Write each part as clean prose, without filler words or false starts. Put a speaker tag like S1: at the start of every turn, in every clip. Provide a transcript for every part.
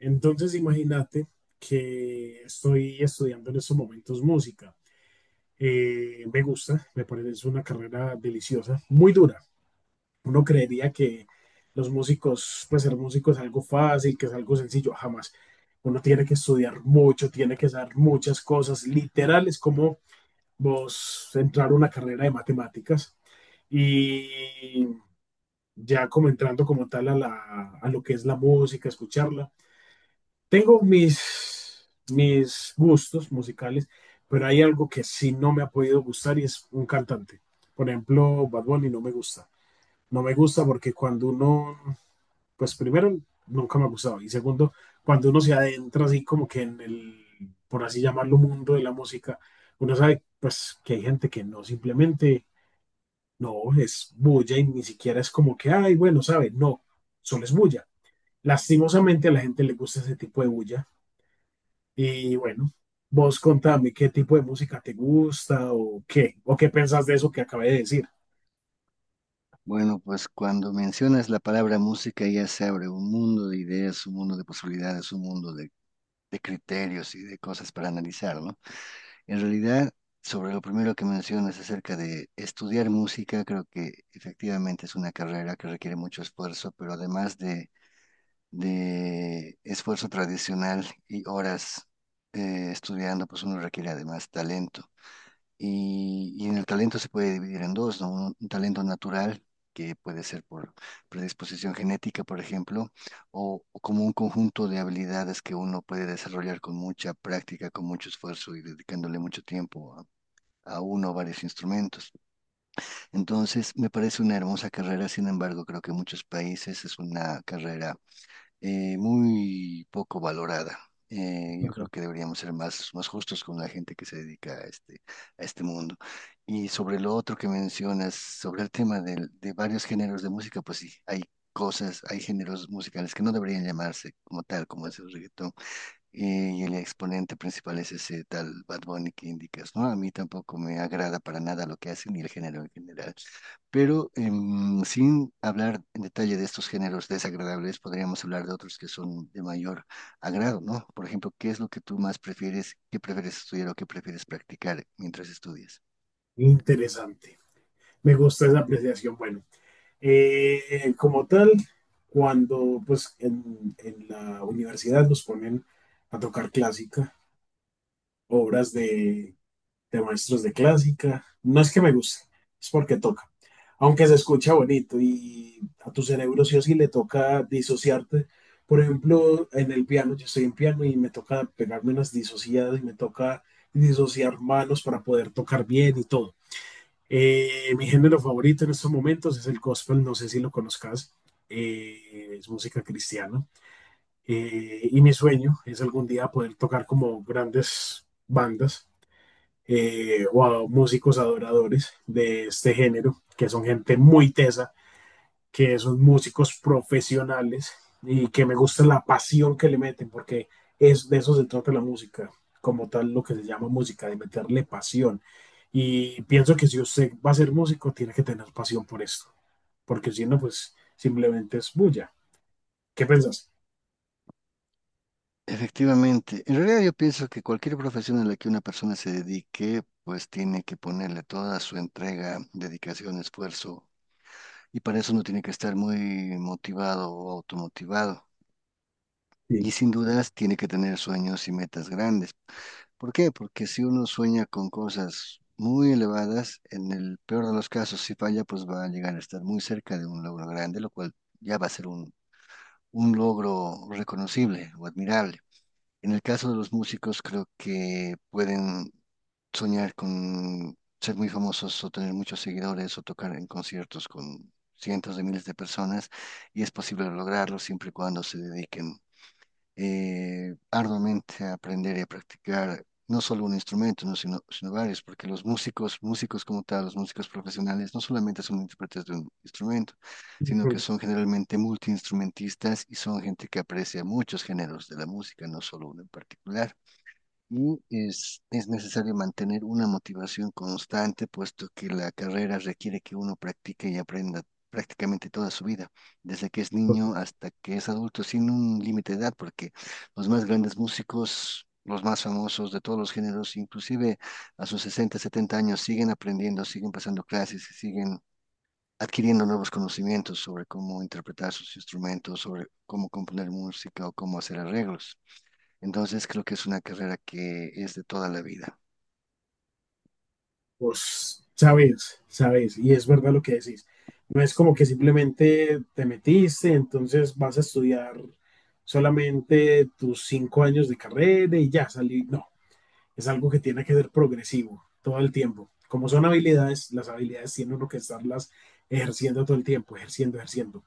S1: Entonces, imagínate que estoy estudiando en estos momentos música. Me gusta, me parece es una carrera deliciosa, muy dura. Uno creería que los músicos, pues ser músico es algo fácil, que es algo sencillo, jamás. Uno tiene que estudiar mucho, tiene que saber muchas cosas. Literal, es como vos entrar a una carrera de matemáticas y ya como entrando como tal a, la, a lo que es la música, escucharla tengo mis gustos musicales, pero hay algo que sí no me ha podido gustar y es un cantante. Por ejemplo, Bad Bunny no me gusta. No me gusta porque cuando uno, pues primero, nunca me ha gustado. Y segundo, cuando uno se adentra así como que en el, por así llamarlo, mundo de la música, uno sabe pues que hay gente que no simplemente, no, es bulla y ni siquiera es como que, ay, bueno, sabe, no, solo es bulla. Lastimosamente a la gente le gusta ese tipo de bulla y bueno, vos contame qué tipo de música te gusta o qué pensás de eso que acabé de decir.
S2: Bueno, pues cuando mencionas la palabra música ya se abre un mundo de ideas, un mundo de posibilidades, un mundo de criterios y de cosas para analizar, ¿no? En realidad, sobre lo primero que mencionas acerca de estudiar música, creo que efectivamente es una carrera que requiere mucho esfuerzo, pero además de esfuerzo tradicional y horas estudiando, pues uno requiere además talento. Y en el talento se puede dividir en dos, ¿no? Un talento natural, que puede ser por predisposición genética, por ejemplo, o como un conjunto de habilidades que uno puede desarrollar con mucha práctica, con mucho esfuerzo y dedicándole mucho tiempo a uno o varios instrumentos. Entonces, me parece una hermosa carrera, sin embargo, creo que en muchos países es una carrera muy poco valorada. Yo creo que deberíamos ser más justos con la gente que se dedica a a este mundo. Y sobre lo otro que mencionas, sobre el tema de varios géneros de música, pues sí, hay cosas, hay géneros musicales que no deberían llamarse como tal, como es el reggaetón y el exponente principal es ese tal Bad Bunny que indicas, ¿no? A mí tampoco me agrada para nada lo que hace ni el género en general. Pero sin hablar en detalle de estos géneros desagradables, podríamos hablar de otros que son de mayor agrado, ¿no? Por ejemplo, ¿qué es lo que tú más prefieres, qué prefieres estudiar o qué prefieres practicar mientras estudias?
S1: Interesante. Me gusta esa apreciación. Bueno, eh, como tal, cuando pues en la universidad nos ponen a tocar clásica, obras de maestros de clásica. No es que me guste, es porque toca. Aunque se escucha bonito y a tu cerebro sí o sí le toca disociarte. Por ejemplo, en el piano, yo estoy en piano y me toca pegarme unas disociadas y me toca disociar manos para poder tocar bien y todo. Mi género favorito en estos momentos es el gospel, no sé si lo conozcas, es música cristiana. Y mi sueño es algún día poder tocar como grandes bandas o a músicos adoradores de este género, que son gente muy tesa, que son músicos profesionales y que me gusta la pasión que le meten, porque es de eso se trata la música, como tal lo que se llama música, de meterle pasión. Y pienso que si usted va a ser músico, tiene que tener pasión por esto, porque si no, pues simplemente es bulla. ¿Qué pensás?
S2: Efectivamente, en realidad yo pienso que cualquier profesión a la que una persona se dedique, pues tiene que ponerle toda su entrega, dedicación, esfuerzo. Y para eso uno tiene que estar muy motivado o automotivado.
S1: Sí.
S2: Y sin dudas tiene que tener sueños y metas grandes. ¿Por qué? Porque si uno sueña con cosas muy elevadas, en el peor de los casos, si falla, pues va a llegar a estar muy cerca de un logro grande, lo cual ya va a ser un logro reconocible o admirable. En el caso de los músicos, creo que pueden soñar con ser muy famosos o tener muchos seguidores o tocar en conciertos con cientos de miles de personas y es posible lograrlo siempre y cuando se dediquen arduamente a aprender y a practicar no solo un instrumento, ¿no? sino varios, porque los músicos, músicos como tal, los músicos profesionales, no solamente son intérpretes de un instrumento, sino que son generalmente multiinstrumentistas y son gente que aprecia muchos géneros de la música, no solo uno en particular. Y es necesario mantener una motivación constante, puesto que la carrera requiere que uno practique y aprenda prácticamente toda su vida, desde que es niño hasta que es adulto, sin un límite de edad, porque los más grandes músicos, los más famosos de todos los géneros, inclusive a sus 60 o 70 años, siguen aprendiendo, siguen pasando clases y siguen adquiriendo nuevos conocimientos sobre cómo interpretar sus instrumentos, sobre cómo componer música o cómo hacer arreglos. Entonces creo que es una carrera que es de toda la vida.
S1: Vos sabes, y es verdad lo que decís. No es como que simplemente te metiste, entonces vas a estudiar solamente tus 5 años de carrera y ya salí. No, es algo que tiene que ser progresivo todo el tiempo. Como son habilidades, las habilidades tiene uno que estarlas ejerciendo todo el tiempo, ejerciendo, ejerciendo.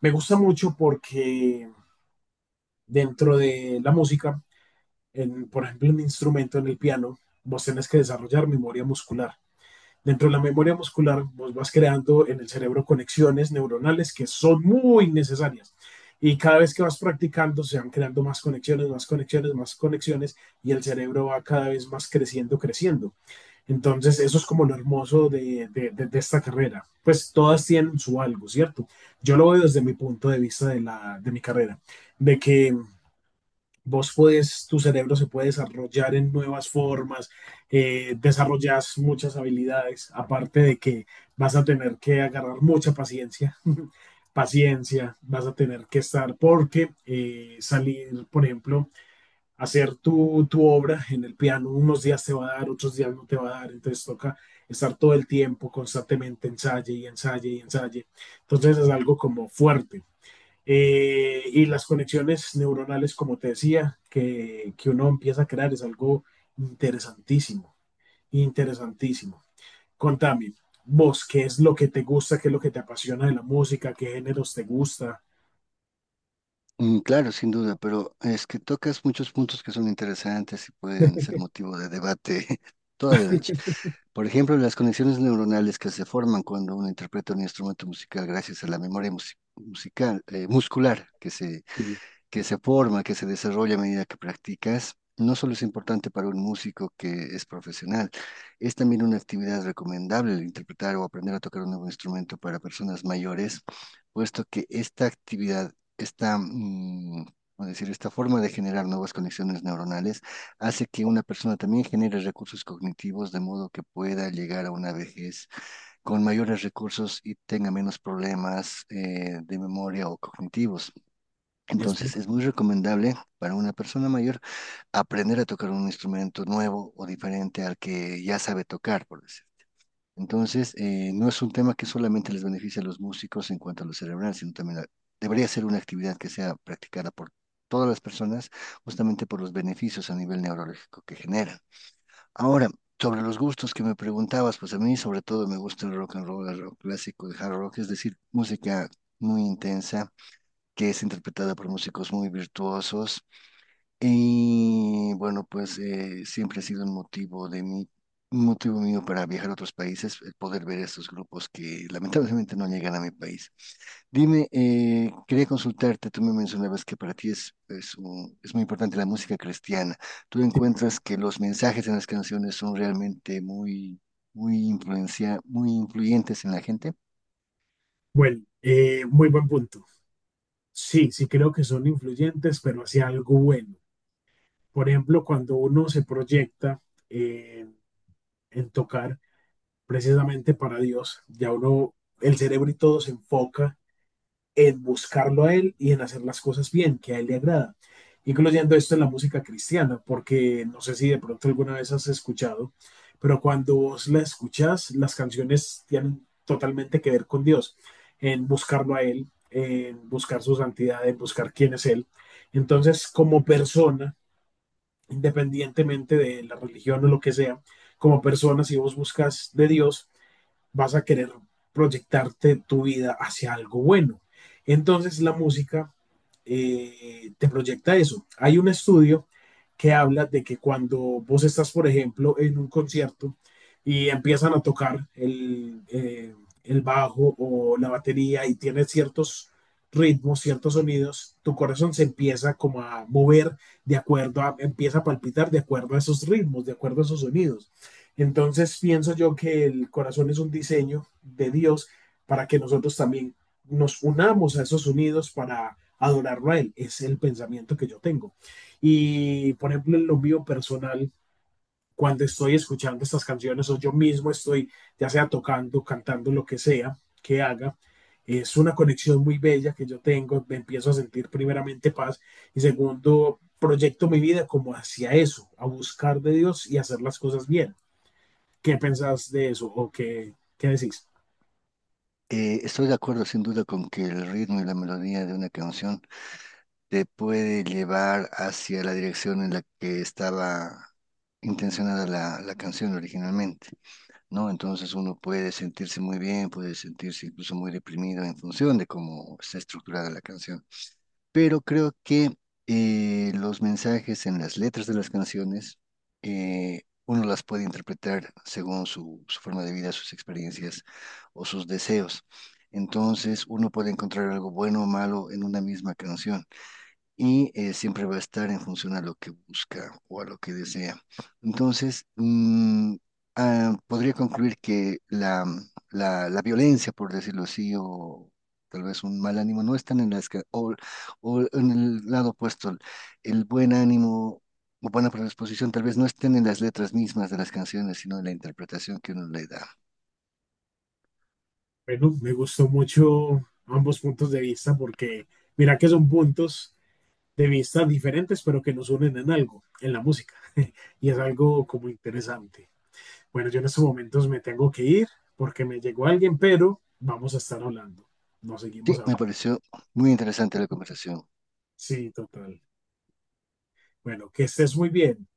S1: Me gusta mucho porque dentro de la música, por ejemplo, en un instrumento en el piano, vos tenés que desarrollar memoria muscular. Dentro de la memoria muscular vos vas creando en el cerebro conexiones neuronales que son muy necesarias. Y cada vez que vas practicando se van creando más conexiones, más conexiones, más conexiones y el cerebro va cada vez más creciendo, creciendo. Entonces eso es como lo hermoso de esta carrera. Pues todas tienen su algo, ¿cierto? Yo lo veo desde mi punto de vista de, la, de mi carrera, de que vos puedes, tu cerebro se puede desarrollar en nuevas formas, desarrollas muchas habilidades, aparte de que vas a tener que agarrar mucha paciencia, paciencia, vas a tener que estar, porque salir, por ejemplo, hacer tu obra en el piano, unos días te va a dar, otros días no te va a dar, entonces toca estar todo el tiempo constantemente ensaye y ensaye y ensaye. Entonces es algo como fuerte. Y las conexiones neuronales, como te decía, que uno empieza a crear es algo interesantísimo, interesantísimo. Contame, vos, ¿qué es lo que te gusta, qué es lo que te apasiona de la música, qué géneros te gusta?
S2: Mm, claro, sin duda, pero es que tocas muchos puntos que son interesantes y pueden ser motivo de debate toda la noche. Por ejemplo, las conexiones neuronales que se forman cuando uno interpreta un instrumento musical gracias a la memoria musical, muscular que se
S1: Sí.
S2: que se forma, que se desarrolla a medida que practicas, no solo es importante para un músico que es profesional, es también una actividad recomendable el interpretar o aprender a tocar un nuevo instrumento para personas mayores, puesto que esta actividad, esta, mm, ¿cómo decir? Esta forma de generar nuevas conexiones neuronales hace que una persona también genere recursos cognitivos de modo que pueda llegar a una vejez con mayores recursos y tenga menos problemas de memoria o cognitivos.
S1: Es listo.
S2: Entonces, es muy recomendable para una persona mayor aprender a tocar un instrumento nuevo o diferente al que ya sabe tocar, por decir. Entonces, no es un tema que solamente les beneficie a los músicos en cuanto a lo cerebral, sino también debería ser una actividad que sea practicada por todas las personas, justamente por los beneficios a nivel neurológico que genera. Ahora, sobre los gustos que me preguntabas, pues a mí sobre todo me gusta el rock and roll, el rock clásico, el hard rock, es decir, música muy intensa que es interpretada por músicos muy virtuosos. Y bueno, pues siempre ha sido un un motivo mío para viajar a otros países, el poder ver estos grupos que lamentablemente no llegan a mi país. Dime, quería consultarte, tú me mencionabas que para ti es muy importante la música cristiana. ¿Tú encuentras que los mensajes en las canciones son realmente muy influyentes en la gente?
S1: Bueno, muy buen punto. Sí, sí creo que son influyentes, pero hacia algo bueno. Por ejemplo, cuando uno se proyecta eh, en tocar precisamente para Dios, ya uno, el cerebro y todo se enfoca en buscarlo a Él y en hacer las cosas bien, que a Él le agrada, incluyendo esto en la música cristiana, porque no sé si de pronto alguna vez has escuchado, pero cuando vos la escuchas, las canciones tienen totalmente que ver con Dios, en buscarlo a Él, en buscar su santidad, en buscar quién es Él. Entonces, como persona, independientemente de la religión o lo que sea, como persona, si vos buscas de Dios, vas a querer proyectarte tu vida hacia algo bueno. Entonces la música te proyecta eso. Hay un estudio que habla de que cuando vos estás, por ejemplo, en un concierto y empiezan a tocar el bajo o la batería y tiene ciertos ritmos, ciertos sonidos, tu corazón se empieza como a mover de acuerdo a, empieza a palpitar de acuerdo a esos ritmos, de acuerdo a esos sonidos. Entonces pienso yo que el corazón es un diseño de Dios para que nosotros también nos unamos a esos unidos para adorarlo a Él. Es el pensamiento que yo tengo. Y por ejemplo, en lo mío personal, cuando estoy escuchando estas canciones o yo mismo estoy, ya sea tocando, cantando, lo que sea que haga, es una conexión muy bella que yo tengo. Me empiezo a sentir primeramente paz y segundo, proyecto mi vida como hacia eso, a buscar de Dios y hacer las cosas bien. ¿Qué pensás de eso o qué, qué decís?
S2: Estoy de acuerdo sin duda con que el ritmo y la melodía de una canción te puede llevar hacia la dirección en la que estaba intencionada la canción originalmente, ¿no? Entonces uno puede sentirse muy bien, puede sentirse incluso muy deprimido en función de cómo está estructurada la canción. Pero creo que los mensajes en las letras de las canciones, uno las puede interpretar según su forma de vida, sus experiencias o sus deseos. Entonces uno puede encontrar algo bueno o malo en una misma canción y siempre va a estar en función a lo que busca o a lo que desea. Entonces, mm, podría concluir que la violencia, por decirlo así, o tal vez un mal ánimo, no están en o en el lado opuesto, el buen ánimo. O buena predisposición, tal vez no estén en las letras mismas de las canciones, sino en la interpretación que uno le da.
S1: Bueno, me gustó mucho ambos puntos de vista porque mira que son puntos de vista diferentes, pero que nos unen en algo, en la música. Y es algo como interesante. Bueno, yo en estos momentos me tengo que ir porque me llegó alguien, pero vamos a estar hablando. Nos seguimos
S2: Sí, me
S1: hablando.
S2: pareció muy interesante la conversación.
S1: Sí, total. Bueno, que estés muy bien.